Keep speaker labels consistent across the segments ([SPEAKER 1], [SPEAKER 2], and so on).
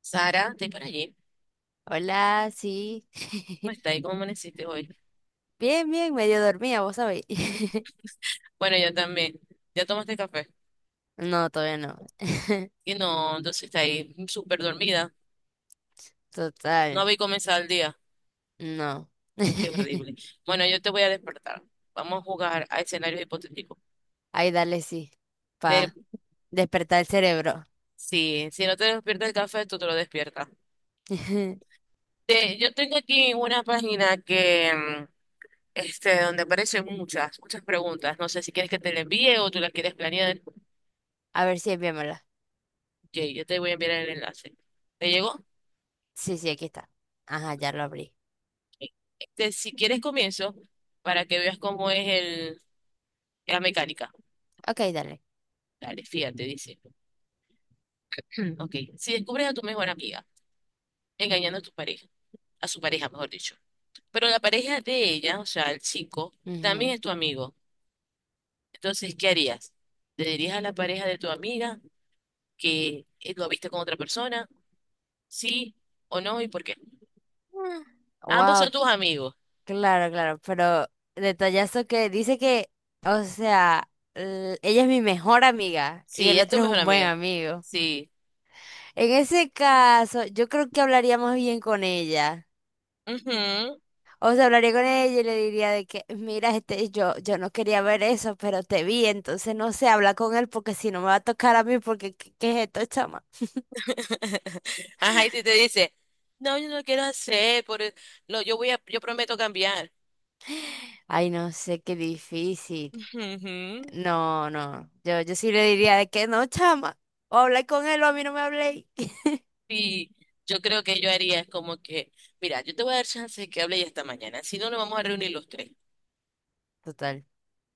[SPEAKER 1] Sara, estoy por allí.
[SPEAKER 2] Hola, sí.
[SPEAKER 1] ¿Cómo está ahí? ¿Cómo amaneciste hoy?
[SPEAKER 2] Bien, bien, medio dormía, vos sabéis.
[SPEAKER 1] Bueno, yo también. ¿Ya tomaste café?
[SPEAKER 2] No, todavía no.
[SPEAKER 1] Y no, entonces está ahí súper dormida. No
[SPEAKER 2] Total,
[SPEAKER 1] había comenzado el día.
[SPEAKER 2] no.
[SPEAKER 1] Qué horrible. Bueno, yo te voy a despertar. Vamos a jugar a escenarios hipotéticos.
[SPEAKER 2] Ahí dale, sí.
[SPEAKER 1] De,
[SPEAKER 2] Pa despertar el cerebro.
[SPEAKER 1] sí, si no te despierta el café, tú te lo despiertas. Yo tengo aquí una página que, este, donde aparecen muchas, muchas preguntas. No sé si quieres que te la envíe o tú las quieres planear.
[SPEAKER 2] A ver si enviámosla.
[SPEAKER 1] Ok, yo te voy a enviar el enlace. ¿Te llegó?
[SPEAKER 2] Sí, sí, aquí está. Ajá, ya lo abrí.
[SPEAKER 1] Este, si quieres comienzo para que veas cómo es el, la mecánica.
[SPEAKER 2] Ok, dale.
[SPEAKER 1] Dale, fíjate, dice. Ok, si descubres a tu mejor amiga engañando a tu pareja, a su pareja, mejor dicho, pero la pareja de ella, o sea, el chico, también
[SPEAKER 2] Ujú.
[SPEAKER 1] es tu amigo. Entonces, ¿qué harías? ¿Te dirías a la pareja de tu amiga que lo viste con otra persona? ¿Sí o no? ¿Y por qué? Ambos son
[SPEAKER 2] Wow,
[SPEAKER 1] tus amigos.
[SPEAKER 2] claro, claro. Pero detallazo que dice que, o sea, ella es mi mejor amiga y
[SPEAKER 1] Sí,
[SPEAKER 2] el
[SPEAKER 1] es tu
[SPEAKER 2] otro es
[SPEAKER 1] mejor
[SPEAKER 2] un buen
[SPEAKER 1] amiga.
[SPEAKER 2] amigo.
[SPEAKER 1] Sí.
[SPEAKER 2] En ese caso, yo creo que hablaría más bien con ella.
[SPEAKER 1] Ujú.
[SPEAKER 2] O sea, hablaría con ella y le diría de que, mira, este, yo no quería ver eso, pero te vi, entonces no sé, habla con él porque si no me va a tocar a mí, porque ¿qué es esto, chama?
[SPEAKER 1] Ajá, y si te dice, no, yo no quiero hacer, por el- lo, yo voy a, yo prometo cambiar.
[SPEAKER 2] Ay, no sé, qué difícil.
[SPEAKER 1] Ujú.
[SPEAKER 2] No, no, yo sí le diría de que no, chama, o habla con él o a mí no me hablé.
[SPEAKER 1] Y yo creo que yo haría es como que, mira, yo te voy a dar chance de que hable ya esta mañana, si no nos vamos a reunir los tres.
[SPEAKER 2] Total.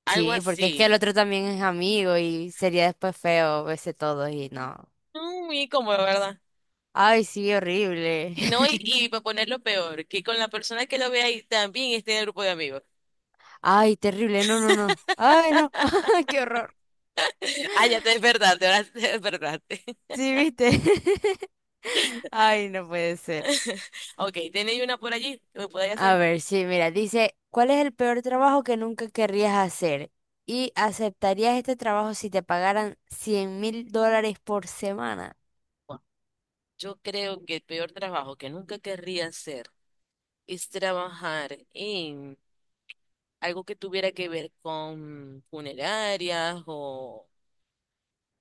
[SPEAKER 1] Algo
[SPEAKER 2] Sí, porque es que
[SPEAKER 1] así.
[SPEAKER 2] el otro también es amigo y sería después feo verse todos y no.
[SPEAKER 1] No, muy cómodo, ¿verdad?
[SPEAKER 2] Ay, sí, horrible.
[SPEAKER 1] Y no, y, y para ponerlo peor, que con la persona que lo ve ahí también esté en el grupo de amigos.
[SPEAKER 2] Ay, terrible, no, no, no. Ay, no, qué horror.
[SPEAKER 1] Ah, ya te despertaste, ahora te despertaste.
[SPEAKER 2] Sí, viste. Ay, no puede ser.
[SPEAKER 1] Ok, ¿tenéis una por allí que me podáis
[SPEAKER 2] A
[SPEAKER 1] hacer?
[SPEAKER 2] ver, sí, mira, dice, ¿cuál es el peor trabajo que nunca querrías hacer? ¿Y aceptarías este trabajo si te pagaran $100.000 por semana?
[SPEAKER 1] Bueno, yo creo que el peor trabajo que nunca querría hacer es trabajar en algo que tuviera que ver con funerarias o,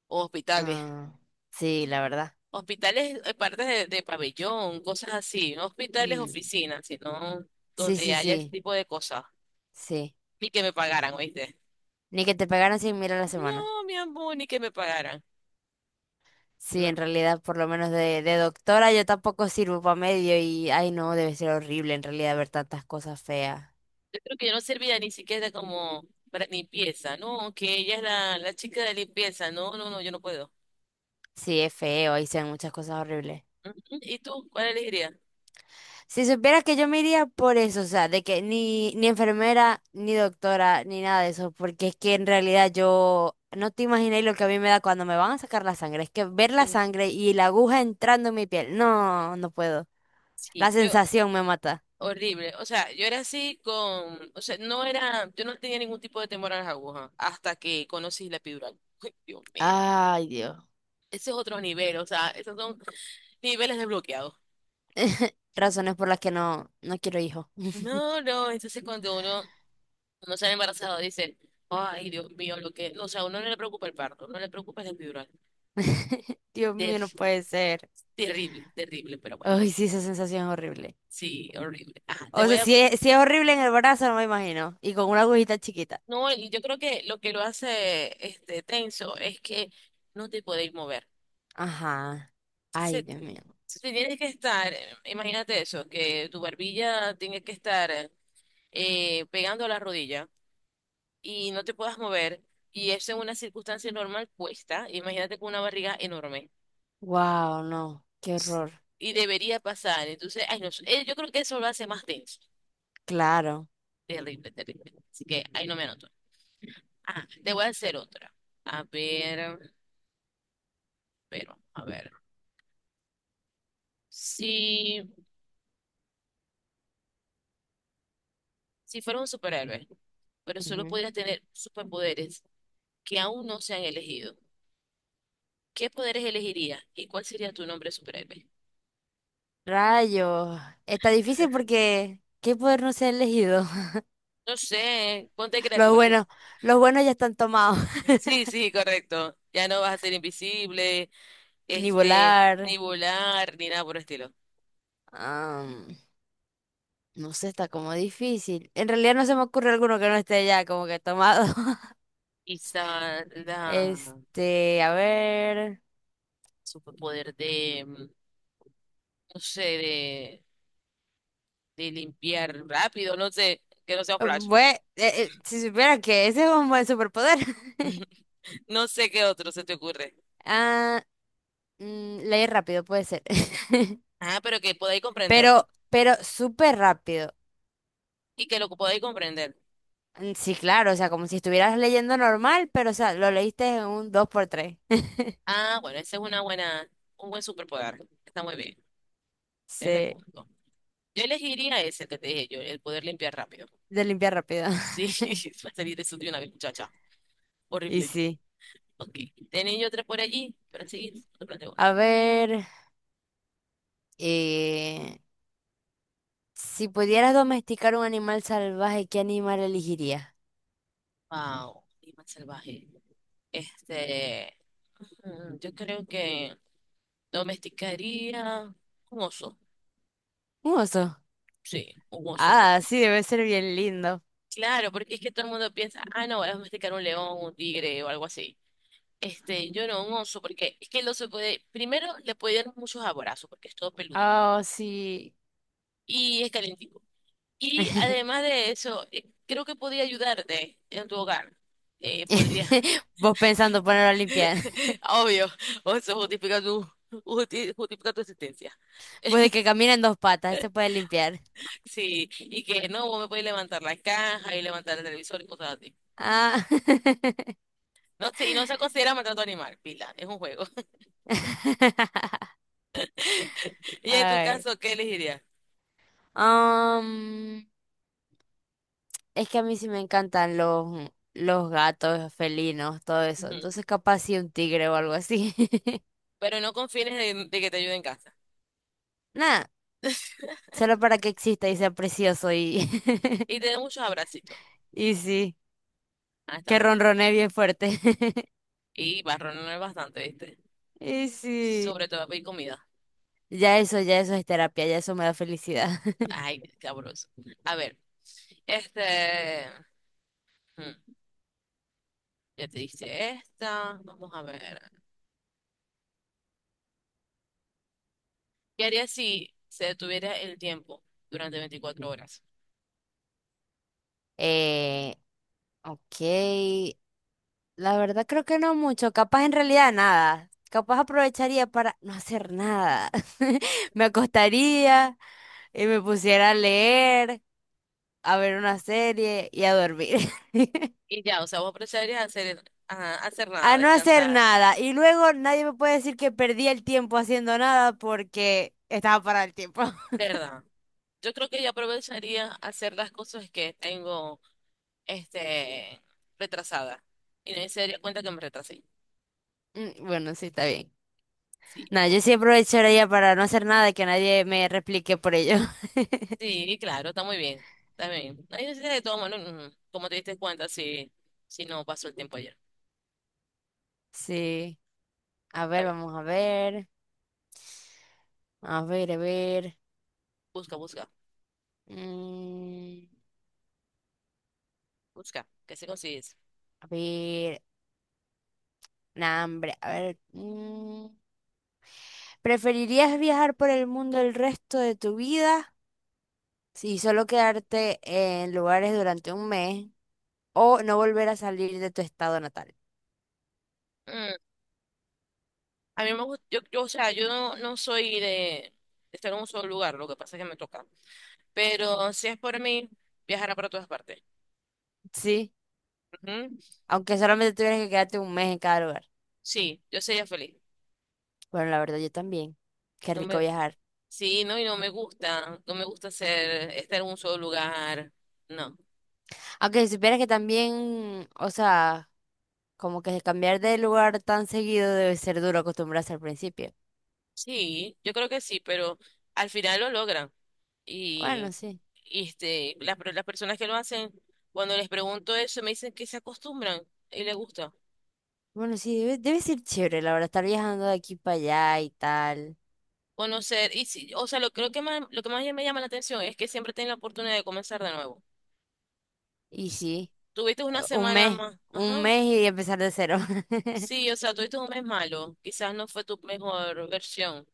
[SPEAKER 1] hospitales.
[SPEAKER 2] Ah, sí, la verdad.
[SPEAKER 1] Hospitales, partes de pabellón, cosas así. No hospitales,
[SPEAKER 2] Mm,
[SPEAKER 1] oficinas, sino
[SPEAKER 2] sí,
[SPEAKER 1] donde
[SPEAKER 2] sí,
[SPEAKER 1] haya ese
[SPEAKER 2] sí,
[SPEAKER 1] tipo de cosas.
[SPEAKER 2] sí.
[SPEAKER 1] Ni que me pagaran, ¿oíste?
[SPEAKER 2] Ni que te pagaran 100.000 a la semana.
[SPEAKER 1] No, mi amor, ni que me pagaran.
[SPEAKER 2] Sí, en
[SPEAKER 1] No.
[SPEAKER 2] realidad, por lo menos de, doctora, yo tampoco sirvo para medio y, ay, no, debe ser horrible en realidad ver tantas cosas feas.
[SPEAKER 1] Yo creo que yo no servía ni siquiera como para limpieza. No, que ella es la chica de limpieza. No, no, no, yo no puedo.
[SPEAKER 2] Sí, es feo, y se ven muchas cosas horribles.
[SPEAKER 1] Ujú. ¿Y tú? ¿Cuál elegirías?
[SPEAKER 2] Si supieras que yo me iría por eso, o sea, de que ni enfermera, ni doctora, ni nada de eso, porque es que en realidad yo no te imaginé lo que a mí me da cuando me van a sacar la sangre. Es que ver la
[SPEAKER 1] Mm,
[SPEAKER 2] sangre y la aguja entrando en mi piel, no, no puedo. La
[SPEAKER 1] sí, yo.
[SPEAKER 2] sensación me mata.
[SPEAKER 1] Horrible. O sea, yo era así con, o sea, no era, yo no tenía ningún tipo de temor a las agujas hasta que conocí la epidural. Ay, Dios mío.
[SPEAKER 2] Ay, Dios.
[SPEAKER 1] Ese es otro nivel, o sea, esos son niveles desbloqueados.
[SPEAKER 2] Razones por las que no, no quiero hijos.
[SPEAKER 1] No, no, entonces cuando uno no se ha embarazado dice, ay, Dios mío, lo que, o sea, a uno no le preocupa el parto, no le preocupa la epidural.
[SPEAKER 2] Dios
[SPEAKER 1] Ter-
[SPEAKER 2] mío, no puede ser.
[SPEAKER 1] terrible, terrible, pero bueno,
[SPEAKER 2] Ay, sí, esa sensación es horrible.
[SPEAKER 1] sí, horrible. Ajá, te
[SPEAKER 2] O
[SPEAKER 1] voy
[SPEAKER 2] sea,
[SPEAKER 1] a,
[SPEAKER 2] si es horrible en el brazo, no me imagino. Y con una agujita chiquita.
[SPEAKER 1] no, y yo creo que lo hace este tenso es que no te podéis mover.
[SPEAKER 2] Ajá. Ay,
[SPEAKER 1] Se,
[SPEAKER 2] Dios mío.
[SPEAKER 1] se tiene que estar, imagínate eso, que tu barbilla tiene que estar pegando a la rodilla y no te puedas mover y eso en una circunstancia normal cuesta, imagínate con una barriga enorme
[SPEAKER 2] Wow, no. Qué
[SPEAKER 1] s-
[SPEAKER 2] horror.
[SPEAKER 1] y debería pasar, entonces, ay, no, sé, yo creo que eso lo hace más denso,
[SPEAKER 2] Claro.
[SPEAKER 1] terrible, terrible, así que ahí no me anoto. Ah, te voy a hacer otra, a ver, pero, a ver, si, si fueras un superhéroe, pero solo
[SPEAKER 2] Ujú.
[SPEAKER 1] pudieras tener superpoderes que aún no se han elegido. ¿Qué poderes elegirías y cuál sería tu nombre superhéroe?
[SPEAKER 2] Rayos. Está difícil porque ¿qué poder no se ha elegido?
[SPEAKER 1] No sé, ponte
[SPEAKER 2] Los
[SPEAKER 1] creativa. Que...
[SPEAKER 2] buenos, los buenos ya están tomados.
[SPEAKER 1] Sí, sí, correcto. Ya no vas a ser invisible,
[SPEAKER 2] Ni
[SPEAKER 1] este,
[SPEAKER 2] volar.
[SPEAKER 1] ni volar, ni nada por el estilo.
[SPEAKER 2] am, no sé, está como difícil. En realidad no se me ocurre alguno que no esté ya como que tomado.
[SPEAKER 1] Quizá la
[SPEAKER 2] Este, a ver.
[SPEAKER 1] superpoder de, no sé, de, limpiar rápido, no sé, que no sea un Flash.
[SPEAKER 2] Bueno, si supiera que ese es un buen superpoder.
[SPEAKER 1] No sé qué otro se te ocurre.
[SPEAKER 2] Ah, leer rápido puede ser.
[SPEAKER 1] Ah, pero que podáis comprenderlo.
[SPEAKER 2] Pero súper rápido.
[SPEAKER 1] Y que lo podáis comprender.
[SPEAKER 2] Mm, sí, claro, o sea, como si estuvieras leyendo normal, pero, o sea, lo leíste en un dos por tres.
[SPEAKER 1] Ah, bueno, ese es una buena, un buen superpoder. Está muy bien. Tienes
[SPEAKER 2] Sí,
[SPEAKER 1] punto. Yo elegiría ese que te dije yo, el poder limpiar rápido.
[SPEAKER 2] de limpiar rápido.
[SPEAKER 1] Sí, va a salir eso de una vez, muchacha.
[SPEAKER 2] Y
[SPEAKER 1] Horrible.
[SPEAKER 2] sí.
[SPEAKER 1] Ok. Tenía yo tres por allí para seguir. Te planteo una.
[SPEAKER 2] A ver, eh, si pudieras domesticar un animal salvaje, ¿qué animal elegirías?
[SPEAKER 1] Wow. Animal salvaje. Este. Yo creo que domesticaría un oso.
[SPEAKER 2] Un oso.
[SPEAKER 1] Sí, un oso.
[SPEAKER 2] Ah, sí, debe ser bien lindo.
[SPEAKER 1] Claro, porque es que todo el mundo piensa, ah, no, voy a domesticar un león, un tigre o algo así. Este, yo no, un oso, porque es que el oso puede, primero le puede dar muchos abrazos, porque es todo peludito
[SPEAKER 2] Ah, sí.
[SPEAKER 1] y es calentito. Y además de eso, creo que podría ayudarte en tu hogar. Podría.
[SPEAKER 2] Vos pensando ponerlo a limpiar.
[SPEAKER 1] Obvio, eso justifica tu, justifica tu existencia.
[SPEAKER 2] Vos de que camina en dos patas, se puede limpiar.
[SPEAKER 1] Sí, y que no, vos me podés levantar la caja y levantar el televisor y cosas así.
[SPEAKER 2] Ah.
[SPEAKER 1] No sé, y no se considera maltrato animal, pila, es un juego. Y en tu
[SPEAKER 2] Ay.
[SPEAKER 1] caso, ¿qué elegirías?
[SPEAKER 2] Am, es que a mí sí me encantan los, gatos, felinos, todo eso.
[SPEAKER 1] Ujú.
[SPEAKER 2] Entonces capaz sí un tigre o algo así.
[SPEAKER 1] Pero no confines de, que te ayude en casa.
[SPEAKER 2] Nada, solo para que exista y sea precioso y,
[SPEAKER 1] Y te dé muchos abracitos.
[SPEAKER 2] y sí,
[SPEAKER 1] Ah, está
[SPEAKER 2] que
[SPEAKER 1] muy bien.
[SPEAKER 2] ronronee bien fuerte.
[SPEAKER 1] Y barrón no es bastante, ¿viste?
[SPEAKER 2] Y sí,
[SPEAKER 1] Sobre todo pedir comida.
[SPEAKER 2] ya eso es terapia, ya eso me da felicidad.
[SPEAKER 1] Ay, qué sabroso. A ver. Este, hmm, ya te diste esta. Vamos a ver. ¿Qué harías si se detuviera el tiempo durante 24 horas?
[SPEAKER 2] Eh, ok, la verdad creo que no mucho, capaz en realidad nada. Capaz aprovecharía para no hacer nada. Me acostaría y me pusiera a leer, a ver una serie y a dormir.
[SPEAKER 1] Y ya, o sea, vos aprovecharías a hacer, nada,
[SPEAKER 2] A no hacer
[SPEAKER 1] descansar,
[SPEAKER 2] nada. Y luego nadie me puede decir que perdí el tiempo haciendo nada porque estaba parado el tiempo.
[SPEAKER 1] ¿verdad? Yo creo que yo aprovecharía hacer las cosas que tengo, este, retrasadas. Y no se daría cuenta que me retrasé.
[SPEAKER 2] Mm, bueno, sí, está bien.
[SPEAKER 1] Sí,
[SPEAKER 2] Nada, yo sí
[SPEAKER 1] justo.
[SPEAKER 2] aprovecharía para no hacer nada y que nadie me replique por ello.
[SPEAKER 1] Sí, claro, está muy bien. Está bien. No hay necesidad de todo, bueno, como te diste cuenta si, si no pasó el tiempo ayer.
[SPEAKER 2] Sí. A
[SPEAKER 1] Está
[SPEAKER 2] ver,
[SPEAKER 1] bien.
[SPEAKER 2] vamos a ver. A ver, a ver.
[SPEAKER 1] Busca, busca.
[SPEAKER 2] Mm.
[SPEAKER 1] Busca, que se consigues.
[SPEAKER 2] A ver, nah, hombre, a ver. ¿Preferirías viajar por el mundo el resto de tu vida y solo quedarte en lugares durante un mes o no volver a salir de tu estado natal?
[SPEAKER 1] Mm, A mí me gusta, yo, o sea, yo no, soy de, estar en un solo lugar, lo que pasa es que me toca. Pero si es por mí, viajará para todas partes.
[SPEAKER 2] Sí,
[SPEAKER 1] Ujú.
[SPEAKER 2] aunque solamente tuvieras que quedarte un mes en cada lugar.
[SPEAKER 1] Sí, yo sería feliz.
[SPEAKER 2] Bueno, la verdad, yo también. Qué
[SPEAKER 1] No
[SPEAKER 2] rico
[SPEAKER 1] me,
[SPEAKER 2] viajar.
[SPEAKER 1] sí, no, y no me gusta ser, estar en un solo lugar. No.
[SPEAKER 2] Aunque si supieras que también, o sea, como que cambiar de lugar tan seguido debe ser duro acostumbrarse al principio.
[SPEAKER 1] Sí, yo creo que sí, pero al final lo logran.
[SPEAKER 2] Bueno,
[SPEAKER 1] Y,
[SPEAKER 2] sí.
[SPEAKER 1] y, este, las, las personas que lo hacen, cuando les pregunto eso, me dicen que se acostumbran y les gusta.
[SPEAKER 2] Bueno, sí, debe ser chévere, la verdad, estar viajando de aquí para allá y tal.
[SPEAKER 1] Conocer, y sí, o sea, lo, creo que más, lo que más me llama la atención es que siempre tienes la oportunidad de comenzar de nuevo.
[SPEAKER 2] Y sí,
[SPEAKER 1] Tuviste una
[SPEAKER 2] un
[SPEAKER 1] semana
[SPEAKER 2] mes,
[SPEAKER 1] más,
[SPEAKER 2] un
[SPEAKER 1] ajá,
[SPEAKER 2] mes y empezar de cero.
[SPEAKER 1] sí, o sea, tuviste un mes malo, quizás no fue tu mejor versión,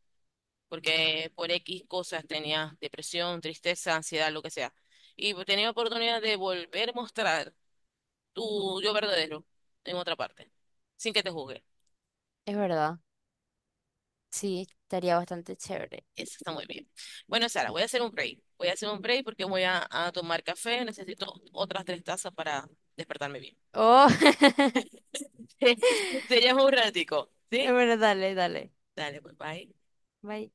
[SPEAKER 1] porque por X cosas tenías depresión, tristeza, ansiedad, lo que sea, y tenías oportunidad de volver a mostrar tu yo verdadero en otra parte, sin que te juzguen.
[SPEAKER 2] Es verdad, sí, estaría bastante chévere.
[SPEAKER 1] Eso está muy bien. Bueno, Sara, voy a hacer un break. Voy a hacer un break porque voy a, tomar café. Necesito otras tres tazas para despertarme bien.
[SPEAKER 2] Oh,
[SPEAKER 1] Te llamo un ratico, ¿sí?
[SPEAKER 2] bueno, dale, dale.
[SPEAKER 1] Dale, pues bye.
[SPEAKER 2] Bye.